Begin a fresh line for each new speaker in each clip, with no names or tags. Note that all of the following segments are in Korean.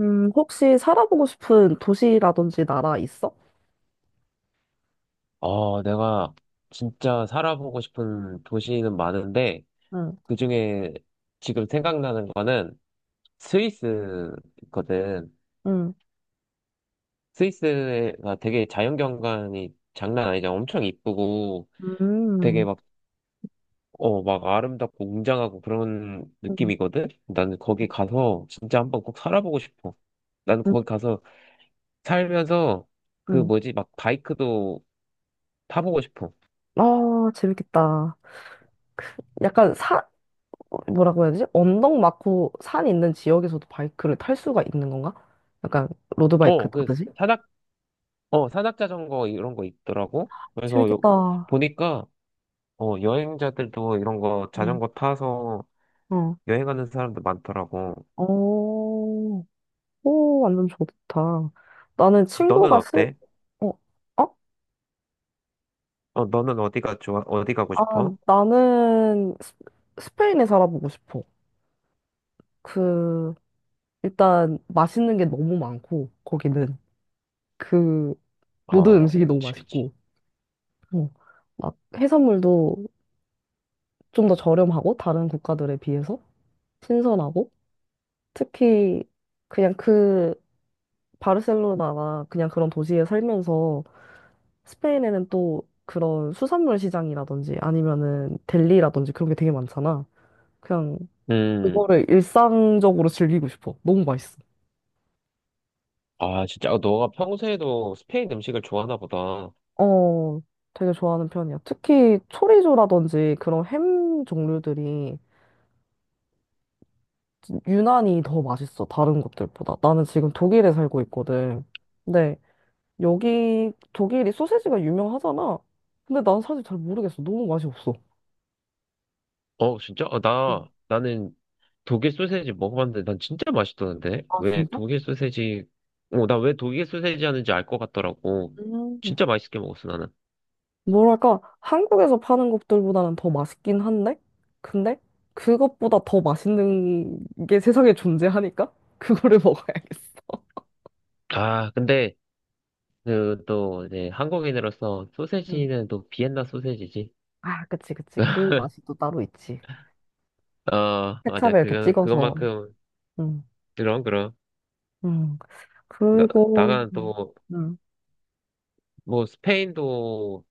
혹시 살아보고 싶은 도시라든지 나라 있어?
어, 내가 진짜 살아보고 싶은 도시는 많은데,
응,
그중에 지금 생각나는 거는 스위스거든.
응,
스위스가 되게 자연경관이 장난 아니잖아. 엄청 이쁘고, 되게
음,
막, 막 아름답고 웅장하고 그런
응,
느낌이거든? 나는 거기 가서 진짜 한번 꼭 살아보고 싶어. 나는
응,
거기 가서 살면서 그
응.
뭐지, 막 바이크도 타보고 싶어.
아, 재밌겠다. 약간 뭐라고 해야 되지? 언덕 많고 산 있는 지역에서도 바이크를 탈 수가 있는 건가? 약간 로드바이크
어, 그
타듯이?
사다 산악자전거 이런 거 있더라고. 그래서 요,
재밌겠다.
보니까, 여행자들도 이런 거
응.
자전거 타서
어,
여행하는 사람도 많더라고.
오, 오, 완전 좋다. 나는
너는
친구가
어때?
어, 어?
너는 어디가 좋아? 어디 가고
아,
싶어?
나는 스페인에 살아보고 싶어. 그, 일단 맛있는 게 너무 많고 거기는 그 모든
어,
음식이 너무
그치, 그치.
맛있고 어, 막 해산물도 좀 더 저렴하고 다른 국가들에 비해서 신선하고 특히 그냥 그 바르셀로나나 그냥 그런 도시에 살면서 스페인에는 또 그런 수산물 시장이라든지 아니면은 델리라든지 그런 게 되게 많잖아. 그냥
음,
그거를 일상적으로 즐기고 싶어. 너무 맛있어.
아, 진짜. 어, 너가 평소에도 스페인 음식을 좋아하나 보다.
어, 되게 좋아하는 편이야. 특히 초리조라든지 그런 햄 종류들이 유난히 더 맛있어. 다른 것들보다. 나는 지금 독일에 살고 있거든. 근데 여기 독일이 소세지가 유명하잖아. 근데 난 사실 잘 모르겠어. 너무 맛이 없어.
어, 진짜? 어,
음.
나는 독일 소세지 먹어봤는데 난 진짜 맛있던데?
아,
왜
진짜?
독일 소세지, 어, 나 왜 독일 소세지 하는지 알 것 같더라고.
음.
진짜 맛있게 먹었어, 나는.
뭐랄까, 한국에서 파는 것들보다는 더 맛있긴 한데? 근데 그것보다 더 맛있는 게 세상에 존재하니까 그거를 먹어야겠어.
아, 근데 그, 또, 이제, 한국인으로서 소세지는 또 비엔나 소세지지.
아, 그치, 그치. 그 맛이 또 따로 있지.
어, 맞아.
케찹에 이렇게
그거,
찍어서.
그것만큼,
응,
그럼, 그럼.
응.
나,
그리고,
나간
응,
또,
응,
뭐, 스페인도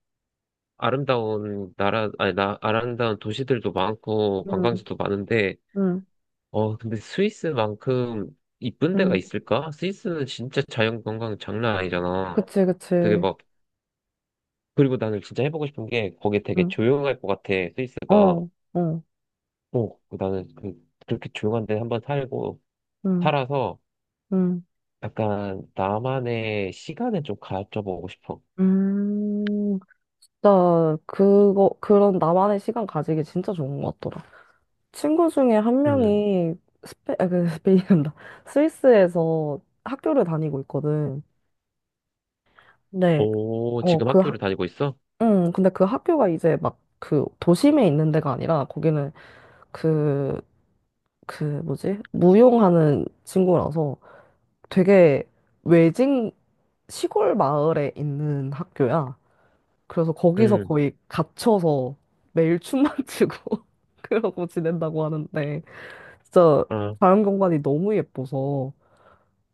아름다운 나라, 아니, 나, 아름다운 도시들도 많고,
응,
관광지도 많은데,
응.
근데 스위스만큼 이쁜 데가
응.
있을까? 스위스는 진짜 자연 관광 장난 아니잖아.
그치,
되게
그치.
막, 그리고 나는 진짜 해보고 싶은 게, 거기 되게
응,
조용할 것 같아, 스위스가.
어, 어,
어, 나는 그, 그렇게 조용한 데 한번
응,
살아서
응.
약간 나만의 시간을 좀 가져보고 싶어.
음, 진짜, 그거, 그런 나만의 시간 가지기 진짜 좋은 것 같더라. 친구 중에 한
음.
명이 아, 그, 스페인이란다. 스위스에서 학교를 다니고 있거든. 네,
오,
어,
지금
그
학교를 다니고 있어?
근데 그 학교가 이제 막 그 도심에 있는 데가 아니라 거기는 그, 그 뭐지? 무용하는 친구라서 되게 외진 시골 마을에 있는 학교야. 그래서 거기서
음.
거의 갇혀서 매일 춤만 추고 그러고 지낸다고 하는데 진짜
아,
자연경관이 너무 예뻐서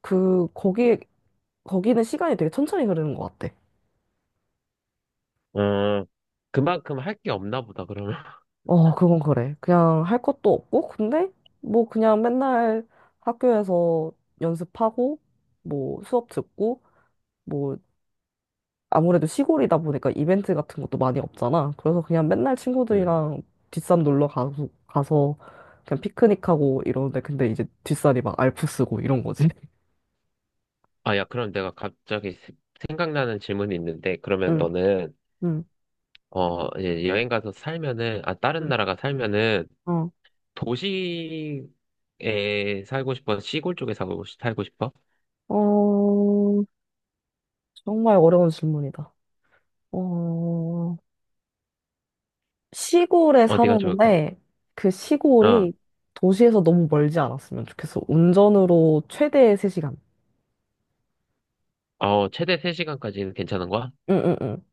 그 거기 거기는 시간이 되게 천천히 흐르는 것 같아.
어. 그만큼 할 게 없나 보다, 그러면.
어, 그건 그래. 그냥 할 것도 없고, 근데 뭐 그냥 맨날 학교에서 연습하고, 뭐 수업 듣고, 뭐 아무래도 시골이다 보니까 이벤트 같은 것도 많이 없잖아. 그래서 그냥 맨날
음.
친구들이랑 뒷산 놀러 가서, 가서 그냥 피크닉하고 이러는데, 근데 이제 뒷산이 막 알프스고 이런 거지.
아, 야, 그럼 내가 갑자기 생각나는 질문이 있는데, 그러면
응,
너는,
응,
이제 여행 가서 살면은, 아, 다른
응.
나라가 살면은,
어,
도시에 살고 싶어? 시골 쪽에 살고 싶어?
어, 정말 어려운 질문이다. 어, 시골에
어디가 좋을까?
사는데 그
어,
시골이 도시에서 너무 멀지 않았으면 좋겠어. 운전으로 최대 3시간.
어, 최대 3시간까지는 괜찮은 거야?
응, 응, 응.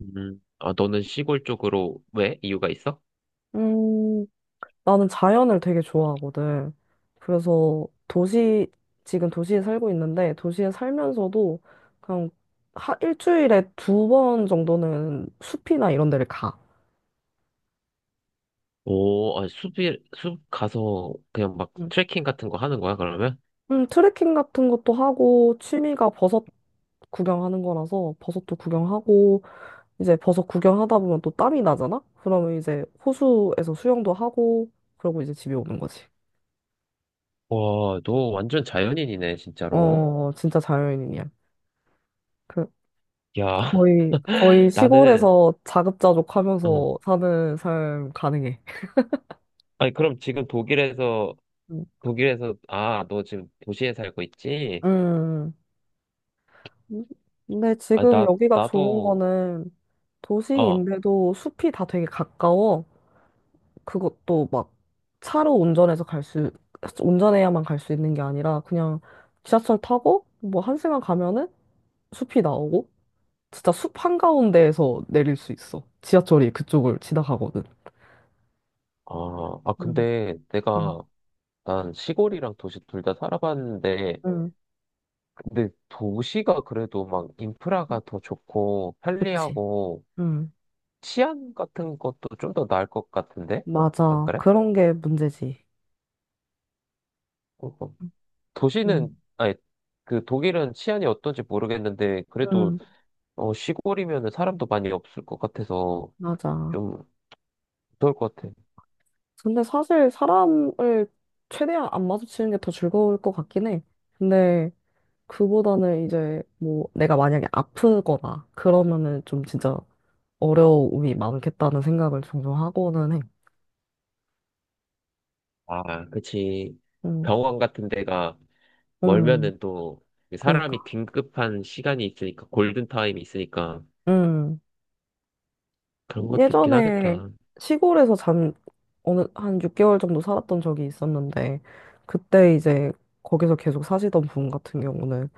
음. 아, 너는 시골 쪽으로 왜? 이유가 있어?
음, 나는 자연을 되게 좋아하거든. 그래서 지금 도시에 살고 있는데 도시에 살면서도 그냥 하, 일주일에 두 번 정도는 숲이나 이런 데를 가.
오, 아, 숲 가서 그냥 막
응.
트레킹 같은 거 하는 거야, 그러면?
트레킹 같은 것도 하고 취미가 버섯 구경하는 거라서 버섯도 구경하고 이제 버섯 구경하다 보면 또 땀이 나잖아? 그러면 이제 호수에서 수영도 하고, 그러고 이제 집에 오는 거지.
와, 너 완전 자연인이네, 진짜로.
어, 진짜 자연인이야. 그,
야,
거의, 거의
나는,
시골에서
어.
자급자족하면서 사는 삶 가능해.
아니, 그럼 지금 독일에서,
음.
아, 너 지금 도시에 살고 있지?
음. 근데
아,
지금 여기가 좋은
나도,
거는
어,
도시인데도 숲이 다 되게 가까워. 그것도 막 차로 운전해서 갈 운전해야만 갈 수 있는 게 아니라 그냥 지하철 타고 뭐 한 시간 가면은 숲이 나오고 진짜 숲 한가운데에서 내릴 수 있어. 지하철이 그쪽을 지나가거든.
아, 아,
응,
근데 내가,
응,
난 시골이랑 도시 둘 다 살아봤는데,
응,
근데 도시가 그래도 막 인프라가 더 좋고
그치.
편리하고
응,
치안 같은 것도 좀 더 나을 것 같은데? 안
맞아.
그래?
그런 게 문제지.
어, 어. 도시는,
응,
아니, 그 독일은 치안이 어떤지 모르겠는데, 그래도
응,
시골이면 사람도 많이 없을 것 같아서
맞아.
좀 무서울 것 같아.
근데 사실 사람을 최대한 안 마주치는 게 더 즐거울 것 같긴 해. 근데 그보다는 이제 뭐 내가 만약에 아프거나 그러면은 좀 진짜 어려움이 많겠다는 생각을 종종 하고는 해.
아, 그치.
응,
병원 같은 데가
응,
멀면은 또 사람이
그니까.
긴급한 시간이 있으니까, 골든타임이 있으니까
응.
그런 것도 있긴
예전에
하겠다.
시골에서 잠 어느 한 6개월 정도 살았던 적이 있었는데 그때 이제 거기서 계속 사시던 분 같은 경우는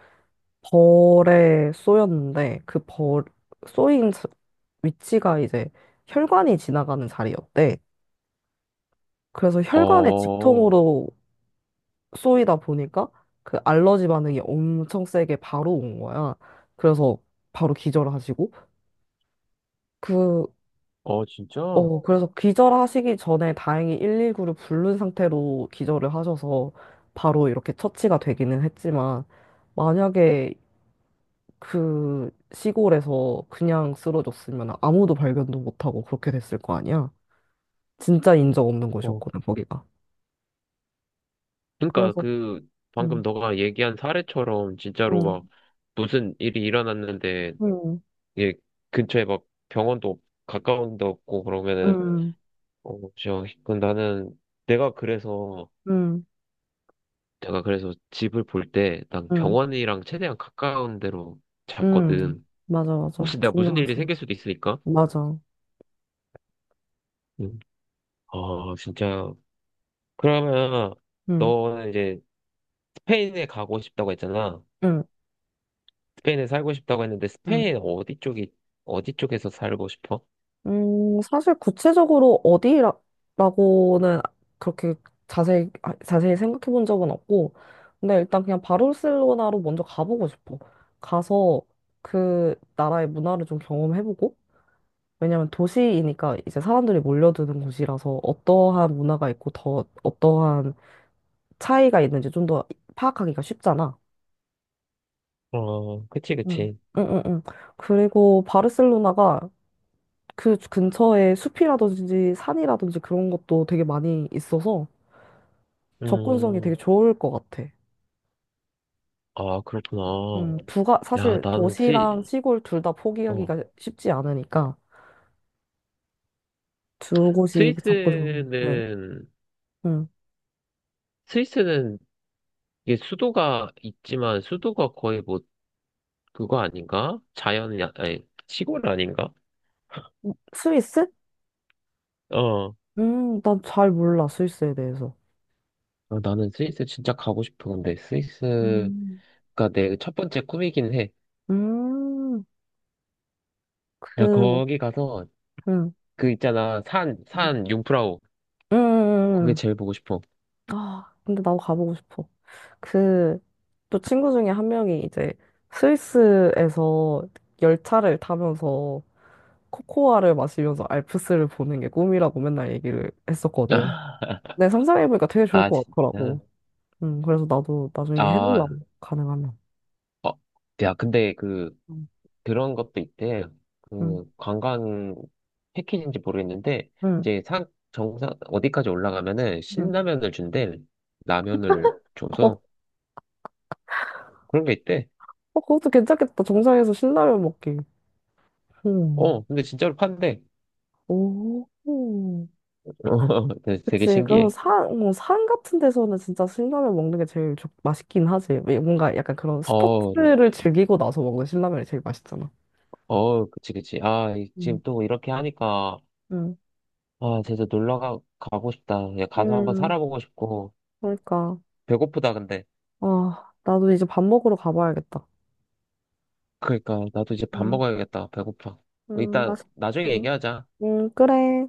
벌에 쏘였는데 그 벌 쏘인 자- 위치가 이제 혈관이 지나가는 자리였대. 그래서 혈관에
어,
직통으로 쏘이다 보니까 그 알러지 반응이 엄청 세게 바로 온 거야. 그래서 바로 기절하시고 그
어, 진짜?
어, 그래서 기절하시기 전에 다행히 119를 부른 상태로 기절을 하셔서 바로 이렇게 처치가 되기는 했지만, 만약에 그 시골에서 그냥 쓰러졌으면 아무도 발견도 못하고 그렇게 됐을 거 아니야? 진짜 인적 없는
어,
곳이었거든, 거기가.
그러니까
그래서,
그
음,
방금 너가 얘기한 사례처럼 진짜로 막
음,
무슨 일이 일어났는데
음,
이게 근처에 막 병원도 없- 가까운 데 없고 그러면은
음,
어진그 나는 내가 그래서
음,
내가 그래서 집을 볼 때 난
음,
병원이랑 최대한 가까운 데로
음.
잡거든.
맞아, 맞아.
혹시 내가 무슨 일이
중요하지.
생길 수도 있으니까.
맞아.
음. 아 진짜 그러면
음,
너는 이제 스페인에 가고 싶다고 했잖아.
음,
스페인에 살고 싶다고 했는데
음.
스페인 어디 쪽에서 살고 싶어?
사실 구체적으로 어디라고는 그렇게 아, 자세히 생각해 본 적은 없고, 근데 일단 그냥 바르셀로나로 먼저 가보고 싶어. 가서 그 나라의 문화를 좀 경험해보고, 왜냐면 도시이니까 이제 사람들이 몰려드는 곳이라서 어떠한 문화가 있고 더 어떠한 차이가 있는지 좀 더 파악하기가 쉽잖아.
어, 그치
응.
그치.
응응응. 그리고 바르셀로나가 그 근처에 숲이라든지 산이라든지 그런 것도 되게 많이 있어서 접근성이 되게
음,
좋을 것 같아.
아 그렇구나. 야,
사실 도시랑 시골 둘 다
어,
포기하기가 쉽지 않으니까 두 곳이 접근성. 네.
스위스는
음.
스위스는 이게 수도가 있지만 수도가 거의 뭐 그거 아닌가? 자연이 아니 시골 아닌가?
스위스?
어,
난 잘 몰라, 스위스에 대해서.
아, 나는 스위스 진짜 가고 싶어. 근데 스위스가
음.
내 첫 번째 꿈이긴 해.
음,
야,
그,
거기 가서
음,
그 있잖아
음,
산 융프라우 거기
음.
제일 보고 싶어.
아, 근데 나도 가보고 싶어. 그, 또 친구 중에 한 명이 이제 스위스에서 열차를 타면서 코코아를 마시면서 알프스를 보는 게 꿈이라고 맨날 얘기를 했었거든. 내 상상해보니까 되게 좋을
아,
것
진짜.
같더라고. 그래서 나도 나중에
아,
해보려고, 가능하면.
어, 야, 근데 그,
응,
그런 것도 있대.
응,
그, 관광 패키지인지 모르겠는데,
응.
이제 산, 정상, 어디까지 올라가면은
응.
신라면을 준대. 라면을
어, 어,
줘서. 그런 게 있대.
그것도 괜찮겠다. 정상에서 신라면 먹기. 음.
근데 진짜로 판대.
오.
어, 되게 되게
그치. 그럼
신기해.
산, 뭐, 산 같은 데서는 진짜 신라면 먹는 게 제일 맛있긴 하지. 왜 뭔가 약간 그런
어,
스포츠를 즐기고 나서 먹는 신라면이 제일 맛있잖아.
어, 그치, 그치. 아, 지금
음.
또 이렇게 하니까,
응.
아, 진짜 놀러 가고 싶다. 야, 가서 한번
음,
살아보고 싶고,
그러니까.
배고프다, 근데.
아, 나도 이제 밥 먹으러 가봐야겠다.
그러니까 나도 이제 밥
음,
먹어야겠다. 배고파. 뭐 이따
맛있,
나중에
음.
얘기하자.
응, 그래.